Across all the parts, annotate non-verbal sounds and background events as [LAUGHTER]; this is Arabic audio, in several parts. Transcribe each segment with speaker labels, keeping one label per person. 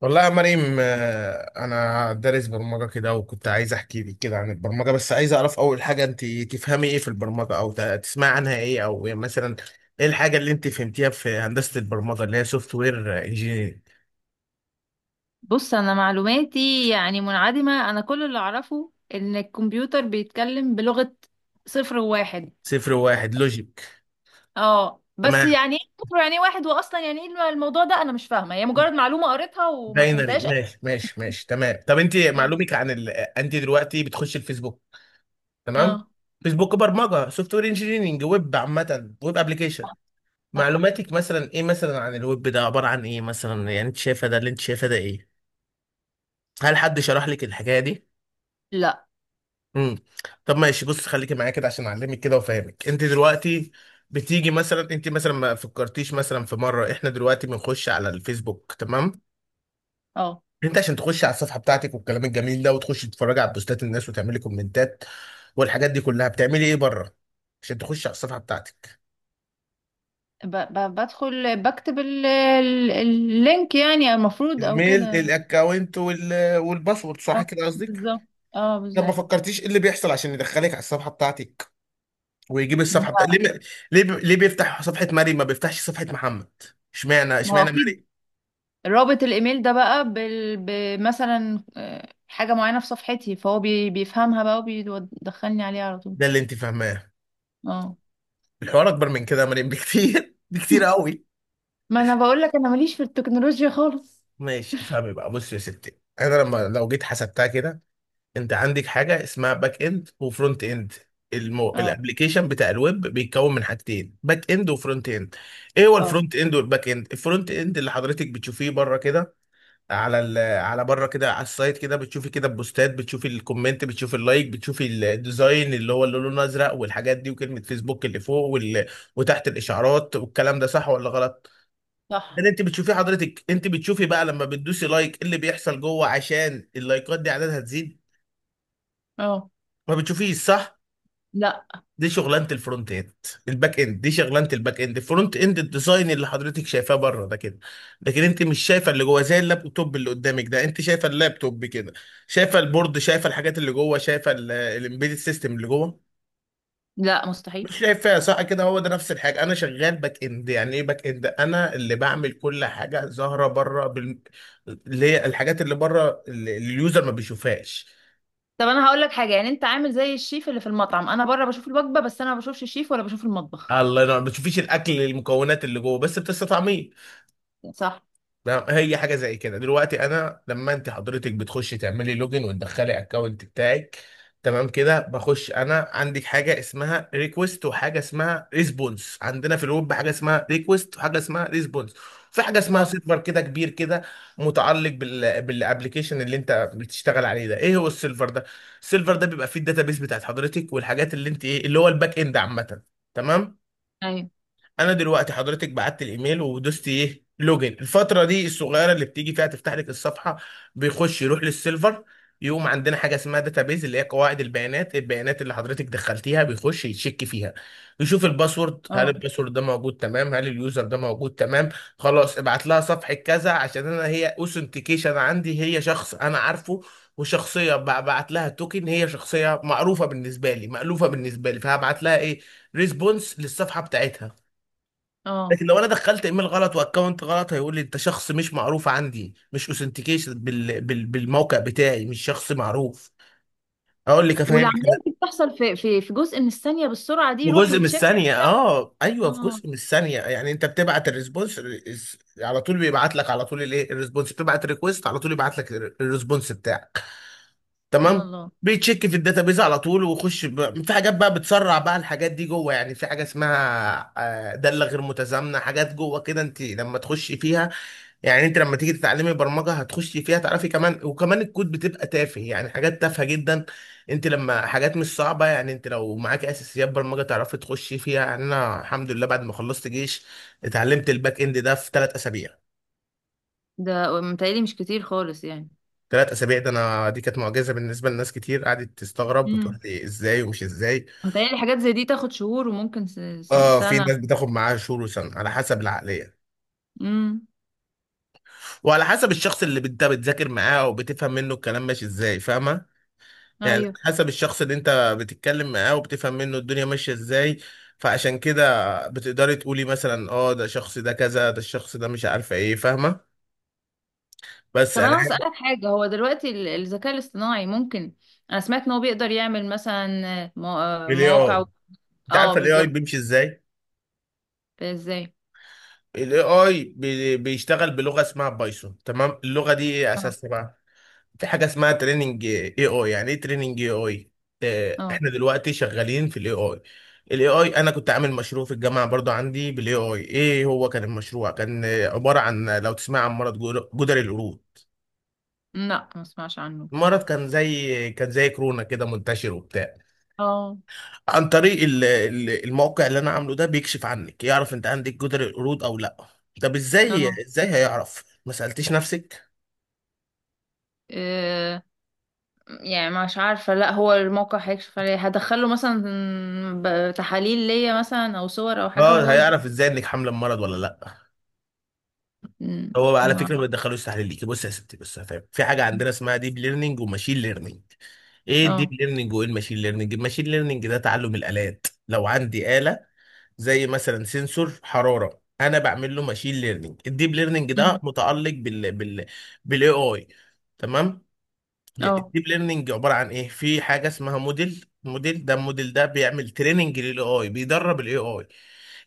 Speaker 1: والله يا مريم آه، انا دارس برمجه كده وكنت عايز احكي لك كده عن البرمجه، بس عايز اعرف اول حاجه انت تفهمي ايه في البرمجه او تسمعي عنها ايه، او يعني مثلا ايه الحاجه اللي انت فهمتيها في هندسه البرمجه اللي هي سوفت وير انجينير.
Speaker 2: بص، انا معلوماتي يعني منعدمة. انا كل اللي اعرفه ان الكمبيوتر بيتكلم بلغة صفر وواحد.
Speaker 1: صفر واحد لوجيك.
Speaker 2: اه، بس
Speaker 1: تمام.
Speaker 2: يعني ايه صفر يعني إيه واحد، واصلا يعني ايه الموضوع ده؟ انا مش فاهمة، هي مجرد معلومة قريتها وما
Speaker 1: باينري.
Speaker 2: فهمتهاش.
Speaker 1: ماشي ماشي ماشي، تمام. طب انت
Speaker 2: اه.
Speaker 1: معلومك عن انت دلوقتي بتخش الفيسبوك؟ تمام.
Speaker 2: اه.
Speaker 1: فيسبوك برمجه، سوفت وير انجينيرنج، ويب عامه، ويب ابلكيشن.
Speaker 2: صح. صح.
Speaker 1: معلوماتك مثلا ايه مثلا عن الويب، ده عبارة عن ايه مثلا؟ يعني انت شايفه ده، اللي انت شايفه ده ايه؟ هل حد شرح لك الحكاية دي؟
Speaker 2: لا.
Speaker 1: امم طب ماشي، بص خليكي معايا كده عشان اعلمك كده وافهمك. انت دلوقتي بتيجي مثلا، انت مثلا ما فكرتيش مثلا في مرة، احنا دلوقتي بنخش على الفيسبوك تمام،
Speaker 2: اه.
Speaker 1: انت عشان تخش على الصفحة بتاعتك والكلام الجميل ده، وتخش تتفرج على بوستات الناس وتعملي كومنتات والحاجات دي كلها، بتعملي ايه بره عشان تخش على الصفحة بتاعتك؟
Speaker 2: بدخل بكتب اللينك، يعني المفروض او
Speaker 1: الميل
Speaker 2: كده.
Speaker 1: الاكونت والباسورد، صح كده قصدك؟
Speaker 2: بالظبط. اه،
Speaker 1: طب ما
Speaker 2: بالظبط.
Speaker 1: فكرتيش ايه اللي بيحصل عشان يدخلك على الصفحه بتاعتك ويجيب الصفحه بتاعتك؟
Speaker 2: لا،
Speaker 1: ليه ما- ليه بيفتح صفحه مريم ما بيفتحش صفحه محمد؟ اشمعنى
Speaker 2: ما هو
Speaker 1: اشمعنى
Speaker 2: اكيد
Speaker 1: مريم؟
Speaker 2: رابط الايميل ده بقى بمثلا حاجه معينه في صفحتي، فهو بيفهمها بقى وبيدخلني عليها على طول.
Speaker 1: ده اللي انت فاهماه؟
Speaker 2: اه.
Speaker 1: الحوار اكبر من كده يا مريم بكتير [LAUGHS] بكتير قوي.
Speaker 2: ما انا بقول لك انا ماليش في التكنولوجيا خالص.
Speaker 1: ماشي، فاهمي بقى، بص يا ستي، انا لما لو جيت حسبتها كده، انت عندك حاجه اسمها باك اند وفرونت اند.
Speaker 2: اه.
Speaker 1: الابليكيشن بتاع الويب بيتكون من حاجتين: باك اند وفرونت اند. ايه هو
Speaker 2: اه.
Speaker 1: الفرونت اند والباك اند؟ الفرونت اند اللي حضرتك بتشوفيه بره كده، على على بره كده، على السايت كده، بتشوفي كده البوستات، بتشوفي الكومنت، بتشوفي اللايك، بتشوفي الديزاين اللي هو اللي لونه ازرق والحاجات دي، وكلمه فيسبوك اللي فوق وتحت الاشعارات والكلام ده، صح ولا غلط؟ لان
Speaker 2: صح.
Speaker 1: انت بتشوفي، حضرتك انت بتشوفي بقى لما بتدوسي لايك إيه اللي بيحصل جوه عشان اللايكات دي عددها تزيد؟
Speaker 2: اه.
Speaker 1: ما بتشوفيش صح؟
Speaker 2: لا.
Speaker 1: دي شغلانه الفرونت اند، الباك اند. دي شغلانه الباك اند. الفرونت اند الديزاين اللي حضرتك شايفاه بره ده كده، لكن انت مش شايفه اللي جوه، زي اللابتوب اللي قدامك ده، انت شايفه اللابتوب كده، شايفه البورد، شايفه الحاجات اللي جوه، شايفه الامبيدد سيستم اللي جوه،
Speaker 2: لا، مستحيل.
Speaker 1: مش شايفها صح كده؟ هو ده نفس الحاجه. انا شغال باك اند، يعني ايه باك اند؟ انا اللي بعمل كل حاجه ظاهره بره اللي هي الحاجات اللي بره اللي اليوزر ما بيشوفهاش.
Speaker 2: طب انا هقول لك حاجه، يعني انت عامل زي الشيف اللي في المطعم، انا بره بشوف الوجبه بس انا ما بشوفش الشيف ولا بشوف المطبخ.
Speaker 1: الله ينور. ما بتشوفيش الاكل، المكونات اللي جوه، بس بتستطعميه.
Speaker 2: صح.
Speaker 1: لا، هي حاجه زي كده. دلوقتي انا لما انت حضرتك بتخشي تعملي لوجن وتدخلي اكونت بتاعك، تمام كده، بخش، انا عندك حاجه اسمها ريكوست وحاجه اسمها ريسبونس. عندنا في الويب حاجه اسمها ريكوست وحاجه اسمها ريسبونس. في حاجه اسمها
Speaker 2: اه.
Speaker 1: سيرفر، كده كبير كده، متعلق بال بالابلكيشن اللي انت بتشتغل عليه ده. ايه هو السيرفر ده؟ السيرفر ده بيبقى فيه الداتابيس بتاعت حضرتك والحاجات اللي انت ايه، اللي هو الباك اند عامه. تمام.
Speaker 2: ايوه.
Speaker 1: انا دلوقتي حضرتك بعت الايميل ودوست ايه، لوجن، الفتره دي الصغيره اللي بتيجي فيها تفتح لك الصفحه، بيخش يروح للسيلفر، يقوم عندنا حاجه اسمها داتابيز اللي هي قواعد البيانات. البيانات اللي حضرتك دخلتيها بيخش يتشك فيها، يشوف الباسورد، هل
Speaker 2: اه.
Speaker 1: الباسورد ده موجود؟ تمام. هل اليوزر ده موجود؟ تمام. خلاص، ابعت لها صفحه كذا، عشان انا هي اوثنتيكيشن عندي، هي شخص انا عارفه وشخصيه، ببعت لها توكن، هي شخصيه معروفه بالنسبه لي، مألوفه بالنسبه لي، فهبعت لها ايه؟ ريسبونس للصفحه بتاعتها.
Speaker 2: اه.
Speaker 1: لكن لو انا دخلت ايميل غلط واكونت غلط، هيقول لي انت شخص مش معروف عندي، مش اوثنتيكيشن بالموقع بتاعي، مش شخص معروف. اقول لك افهمك
Speaker 2: والعمليه
Speaker 1: أنا.
Speaker 2: دي بتحصل في في جزء من الثانيه، بالسرعه دي
Speaker 1: في
Speaker 2: يروح
Speaker 1: جزء من
Speaker 2: يتشك؟
Speaker 1: الثانيه، اه ايوه، في
Speaker 2: اه.
Speaker 1: جزء من الثانيه. يعني انت بتبعت الريسبونس، على طول بيبعت لك على طول الايه الريسبونس، بتبعت ريكويست على طول يبعت لك الريسبونس بتاعك.
Speaker 2: سبحان
Speaker 1: تمام.
Speaker 2: الله.
Speaker 1: بيتشيك في الداتابيز على طول ويخش في حاجات بقى بتسرع بقى، الحاجات دي جوه يعني. في حاجه اسمها آه، داله غير متزامنه، حاجات جوه كده انت لما تخشي فيها، يعني انت لما تيجي تتعلمي برمجه هتخشي فيها تعرفي كمان وكمان. الكود بتبقى تافه، يعني حاجات تافهه جدا، انت لما حاجات مش صعبه، يعني انت لو معاكي اساسيات برمجه تعرفي تخشي فيها. يعني انا الحمد لله، بعد ما خلصت جيش اتعلمت الباك اند ده في 3 اسابيع.
Speaker 2: ده متهيألي مش كتير خالص يعني.
Speaker 1: 3 اسابيع ده، انا دي كانت معجزه بالنسبه لناس كتير، قعدت تستغرب وتقول
Speaker 2: امم.
Speaker 1: لي ازاي ومش ازاي.
Speaker 2: متهيألي حاجات زي دي تاخد شهور وممكن
Speaker 1: اه، في
Speaker 2: سنة.
Speaker 1: ناس بتاخد معاها شهور وسنه، على حسب العقليه
Speaker 2: امم.
Speaker 1: وعلى حسب الشخص اللي انت بتذاكر معاه او بتفهم منه الكلام ماشي ازاي، فاهمه؟ يعني
Speaker 2: ايوه.
Speaker 1: حسب الشخص اللي انت بتتكلم معاه وبتفهم منه الدنيا ماشية ازاي. فعشان كده بتقدري تقولي مثلا اه، ده الشخص ده كذا، ده الشخص ده مش عارفه ايه، فاهمة؟ بس
Speaker 2: طب
Speaker 1: انا
Speaker 2: انا هسألك حاجة، هو دلوقتي الذكاء الاصطناعي ممكن، انا سمعت ان هو بيقدر يعمل مثلا
Speaker 1: الاي
Speaker 2: مواقع
Speaker 1: اي،
Speaker 2: و...
Speaker 1: انت
Speaker 2: اه،
Speaker 1: عارفة الاي اي
Speaker 2: بالظبط.
Speaker 1: بيمشي ازاي؟
Speaker 2: ازاي؟
Speaker 1: الاي اي بيشتغل بلغة اسمها بايثون، تمام. اللغة دي ايه
Speaker 2: اه.
Speaker 1: اساسها بقى؟ في حاجه اسمها تريننج اي اي. يعني ايه تريننج اي اي؟
Speaker 2: اه.
Speaker 1: احنا دلوقتي شغالين في الاي اي. الاي اي، انا كنت عامل مشروع في الجامعه برضو عندي بالاي اي. ايه هو كان المشروع؟ كان آه، عباره عن، لو تسمع عن مرض جدري القرود،
Speaker 2: لا، ما اسمعش عنه بس.
Speaker 1: المرض كان زي كان زي كورونا كده، منتشر وبتاع.
Speaker 2: اه.
Speaker 1: عن طريق الموقع اللي انا عامله ده بيكشف عنك، يعرف انت عندك جدري القرود او لا. طب
Speaker 2: اه.
Speaker 1: ازاي ازاي هيعرف، ما سالتيش نفسك؟
Speaker 2: إيه، يعني مش عارفة. لا، هو الموقع هيكشف عليه، هدخله مثلا تحاليل ليا مثلا او صور او حاجة
Speaker 1: اه،
Speaker 2: وهو يبقى،
Speaker 1: هيعرف ازاي انك حامله المرض ولا لا؟ هو على
Speaker 2: ما
Speaker 1: فكره ما
Speaker 2: أعرف.
Speaker 1: بيدخلوش تحليل ليكي. بص يا ستي، بص هفهم، في حاجه عندنا اسمها ديب ليرنينج وماشين ليرنينج. ايه الديب
Speaker 2: اه.
Speaker 1: ليرنينج وايه الماشين ليرنينج؟ الماشين ليرنينج ده تعلم الالات، لو عندي اله زي مثلا سنسور حراره انا بعمل له ماشين ليرنينج. الديب ليرنينج ده
Speaker 2: مم.
Speaker 1: متعلق بال بال بالاي اي، تمام.
Speaker 2: اه.
Speaker 1: الديب ليرنينج عباره عن ايه؟ في حاجه اسمها موديل. موديل ده، الموديل ده بيعمل تريننج للاي اي، بيدرب الاي اي.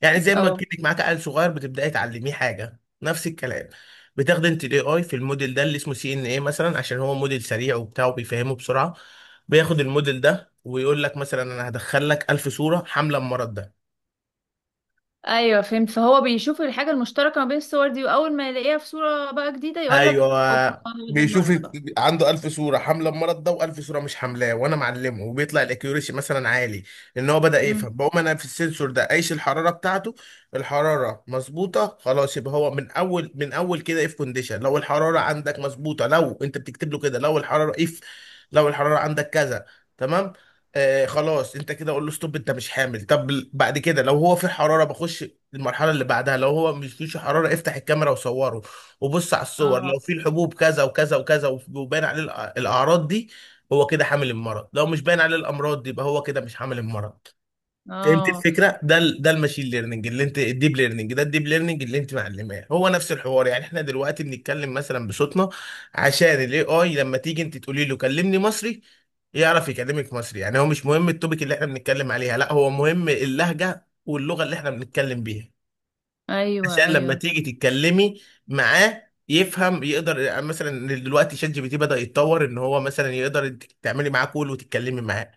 Speaker 1: يعني زي ما
Speaker 2: اه،
Speaker 1: كنت معاك عيل صغير بتبداي تعلميه حاجه، نفس الكلام. بتاخدي انت الاي اي في الموديل ده اللي اسمه سي ان اي مثلا، عشان هو موديل سريع وبتاع وبيفهمه بسرعه. بياخد الموديل ده ويقول لك مثلا انا هدخل لك 1000 صوره حامله المرض ده،
Speaker 2: ايوه فهمت. فهو بيشوف الحاجه المشتركه ما بين الصور دي، واول ما يلاقيها في صوره بقى جديده يقول لك اوبا،
Speaker 1: ايوه
Speaker 2: هو ده
Speaker 1: بيشوف،
Speaker 2: المرض بقى.
Speaker 1: عنده ألف صورة حاملة المرض ده وألف صورة مش حاملاه، وأنا معلمه، وبيطلع الأكيوريشي مثلا عالي، لأن هو بدأ
Speaker 2: امم.
Speaker 1: يفهم. بقوم أنا في السنسور ده قايس الحرارة بتاعته، الحرارة مظبوطة، خلاص يبقى هو من أول من أول كده إف كونديشن، لو الحرارة عندك مظبوطة، لو أنت بتكتب له كده لو الحرارة إف، لو الحرارة عندك كذا، تمام، آه خلاص انت كده قول له ستوب، انت مش حامل. طب بعد كده لو هو في حراره، بخش المرحله اللي بعدها، لو هو مش فيش حراره، افتح الكاميرا وصوره وبص على الصور،
Speaker 2: اه.
Speaker 1: لو في الحبوب كذا وكذا وكذا وباين عليه الاعراض دي، هو كده حامل المرض. لو مش باين عليه الامراض دي يبقى هو كده مش حامل المرض. فهمت
Speaker 2: اه.
Speaker 1: الفكره؟ ده الماشين ليرنينج اللي انت، الديب ليرنينج ده، الديب ليرنينج اللي انت معلماه، هو نفس الحوار. يعني احنا دلوقتي بنتكلم مثلا بصوتنا، عشان الاي اي لما تيجي انت تقولي له كلمني مصري، يعرف يكلمك مصري. يعني هو مش مهم التوبيك اللي احنا بنتكلم عليها، لا، هو مهم اللهجه واللغه اللي احنا بنتكلم بيها.
Speaker 2: ايوه،
Speaker 1: عشان لما
Speaker 2: ايوه.
Speaker 1: تيجي تتكلمي معاه يفهم يقدر. يعني مثلا دلوقتي شات جي بي تي بدأ يتطور ان هو مثلا يقدر انت تعملي معاه كول وتتكلمي معاه.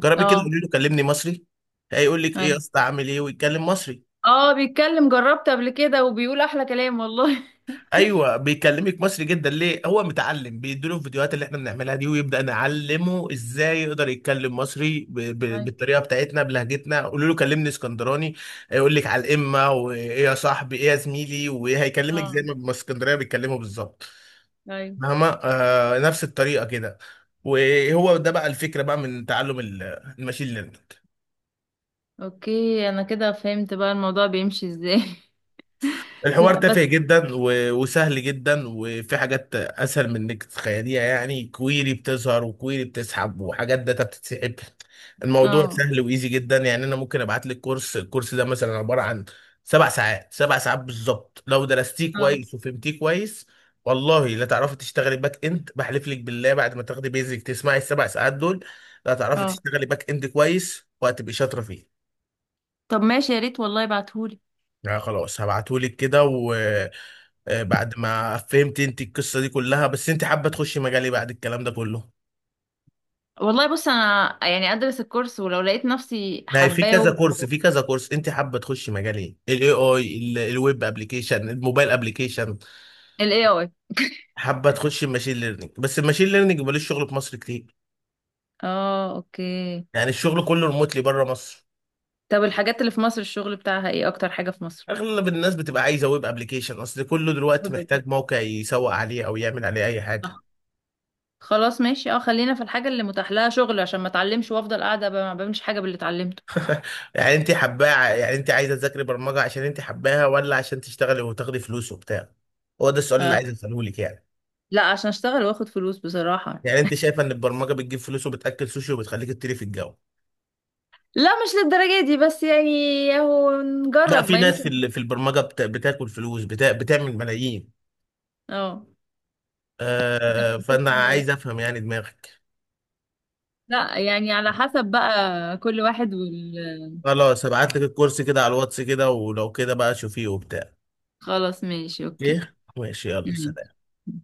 Speaker 1: جربي كده،
Speaker 2: اه.
Speaker 1: قولي له كلمني مصري، هيقول لك ايه يا
Speaker 2: ايوه.
Speaker 1: اسطى عامل ايه، ويتكلم مصري.
Speaker 2: اه، بيتكلم، جربت قبل كده وبيقول احلى كلام والله. [LAUGHS]
Speaker 1: ايوه، بيكلمك مصري جدا. ليه؟ هو متعلم، بيديله الفيديوهات اللي احنا بنعملها دي ويبدأ نعلمه ازاي يقدر يتكلم مصري
Speaker 2: ايوه.
Speaker 1: بالطريقه بتاعتنا بلهجتنا. قولوا له كلمني اسكندراني، هيقول لك على الامه، وايه يا صاحبي، ايه يا زميلي، وايه، هيكلمك
Speaker 2: اه.
Speaker 1: زي ما الاسكندريه بيتكلموا بالظبط.
Speaker 2: ايوه.
Speaker 1: مهما آه، نفس الطريقه كده. وهو ده بقى الفكره بقى من تعلم الماشين ليرنينج.
Speaker 2: اوكي، انا كده فهمت بقى الموضوع بيمشي ازاي. [LAUGHS]
Speaker 1: الحوار
Speaker 2: لا بس.
Speaker 1: تافه جدا وسهل جدا، وفي حاجات اسهل من انك تتخيليها، يعني كويري بتظهر وكويري بتسحب وحاجات داتا بتتسحب. الموضوع
Speaker 2: اه.
Speaker 1: سهل وايزي جدا. يعني انا ممكن ابعت لك كورس، الكورس ده مثلا عباره عن 7 ساعات، 7 ساعات بالظبط، لو درستيه
Speaker 2: اه.
Speaker 1: كويس وفهمتيه كويس، والله لا تعرفي تشتغلي باك اند. بحلف لك بالله، بعد ما تاخدي بيزك تسمعي ال7 ساعات دول، لا تعرفي
Speaker 2: اه.
Speaker 1: تشتغلي باك اند كويس، وهتبقي شاطره فيه.
Speaker 2: طب ماشي، يا ريت والله ابعتهولي.
Speaker 1: يعني خلاص هبعتهولك كده و آه، بعد ما فهمت انت القصه دي كلها، بس انت حابه تخشي مجال ايه بعد الكلام ده كله؟
Speaker 2: والله بص، انا يعني ادرس الكورس، ولو لقيت نفسي
Speaker 1: ما هي في
Speaker 2: حباه
Speaker 1: كذا كورس،
Speaker 2: و...
Speaker 1: في كذا كورس. انت حابه تخشي مجال ايه، الاي اي، الويب ابلكيشن، الموبايل ابلكيشن؟
Speaker 2: ال AI.
Speaker 1: حابه تخشي الماشين ليرنينج؟ بس الماشين ليرنينج ملوش شغل في مصر كتير،
Speaker 2: اه، اوكي.
Speaker 1: يعني الشغل كله ريموتلي بره مصر.
Speaker 2: طب الحاجات اللي في مصر الشغل بتاعها ايه، اكتر حاجة في مصر؟
Speaker 1: اغلب الناس بتبقى عايزه ويب ابلكيشن، اصل كله دلوقتي
Speaker 2: ويب.
Speaker 1: محتاج موقع يسوق عليه او يعمل عليه اي
Speaker 2: صح.
Speaker 1: حاجه.
Speaker 2: خلاص ماشي، اه، خلينا في الحاجة اللي متاح لها شغل، عشان ما اتعلمش وافضل قاعدة ما بعملش حاجة باللي اتعلمته.
Speaker 1: يعني انت حباه، يعني انت عايزه تذاكري برمجه عشان انت حباها، ولا عشان تشتغلي وتاخدي فلوس وبتاع؟ هو ده السؤال اللي
Speaker 2: آه.
Speaker 1: عايز اساله لك يعني.
Speaker 2: لا، عشان اشتغل واخد فلوس بصراحة.
Speaker 1: يعني انت شايفه ان البرمجه بتجيب فلوس وبتاكل سوشي وبتخليك تطيري في الجو؟
Speaker 2: لا، مش للدرجة دي، بس يعني اهو
Speaker 1: لا،
Speaker 2: نجرب
Speaker 1: في
Speaker 2: ما
Speaker 1: ناس في
Speaker 2: يمكن.
Speaker 1: في البرمجه بتاكل فلوس، بتا بتعمل ملايين.
Speaker 2: اه.
Speaker 1: آه، فانا
Speaker 2: كل-
Speaker 1: عايز افهم يعني دماغك.
Speaker 2: لا، يعني على حسب بقى، كل واحد.
Speaker 1: خلاص هبعت لك الكورس كده على الواتس كده، ولو كده بقى شوفيه وبتاع.
Speaker 2: خلاص ماشي، اوكي.
Speaker 1: ايه، ماشي، يلا سلام.
Speaker 2: مم.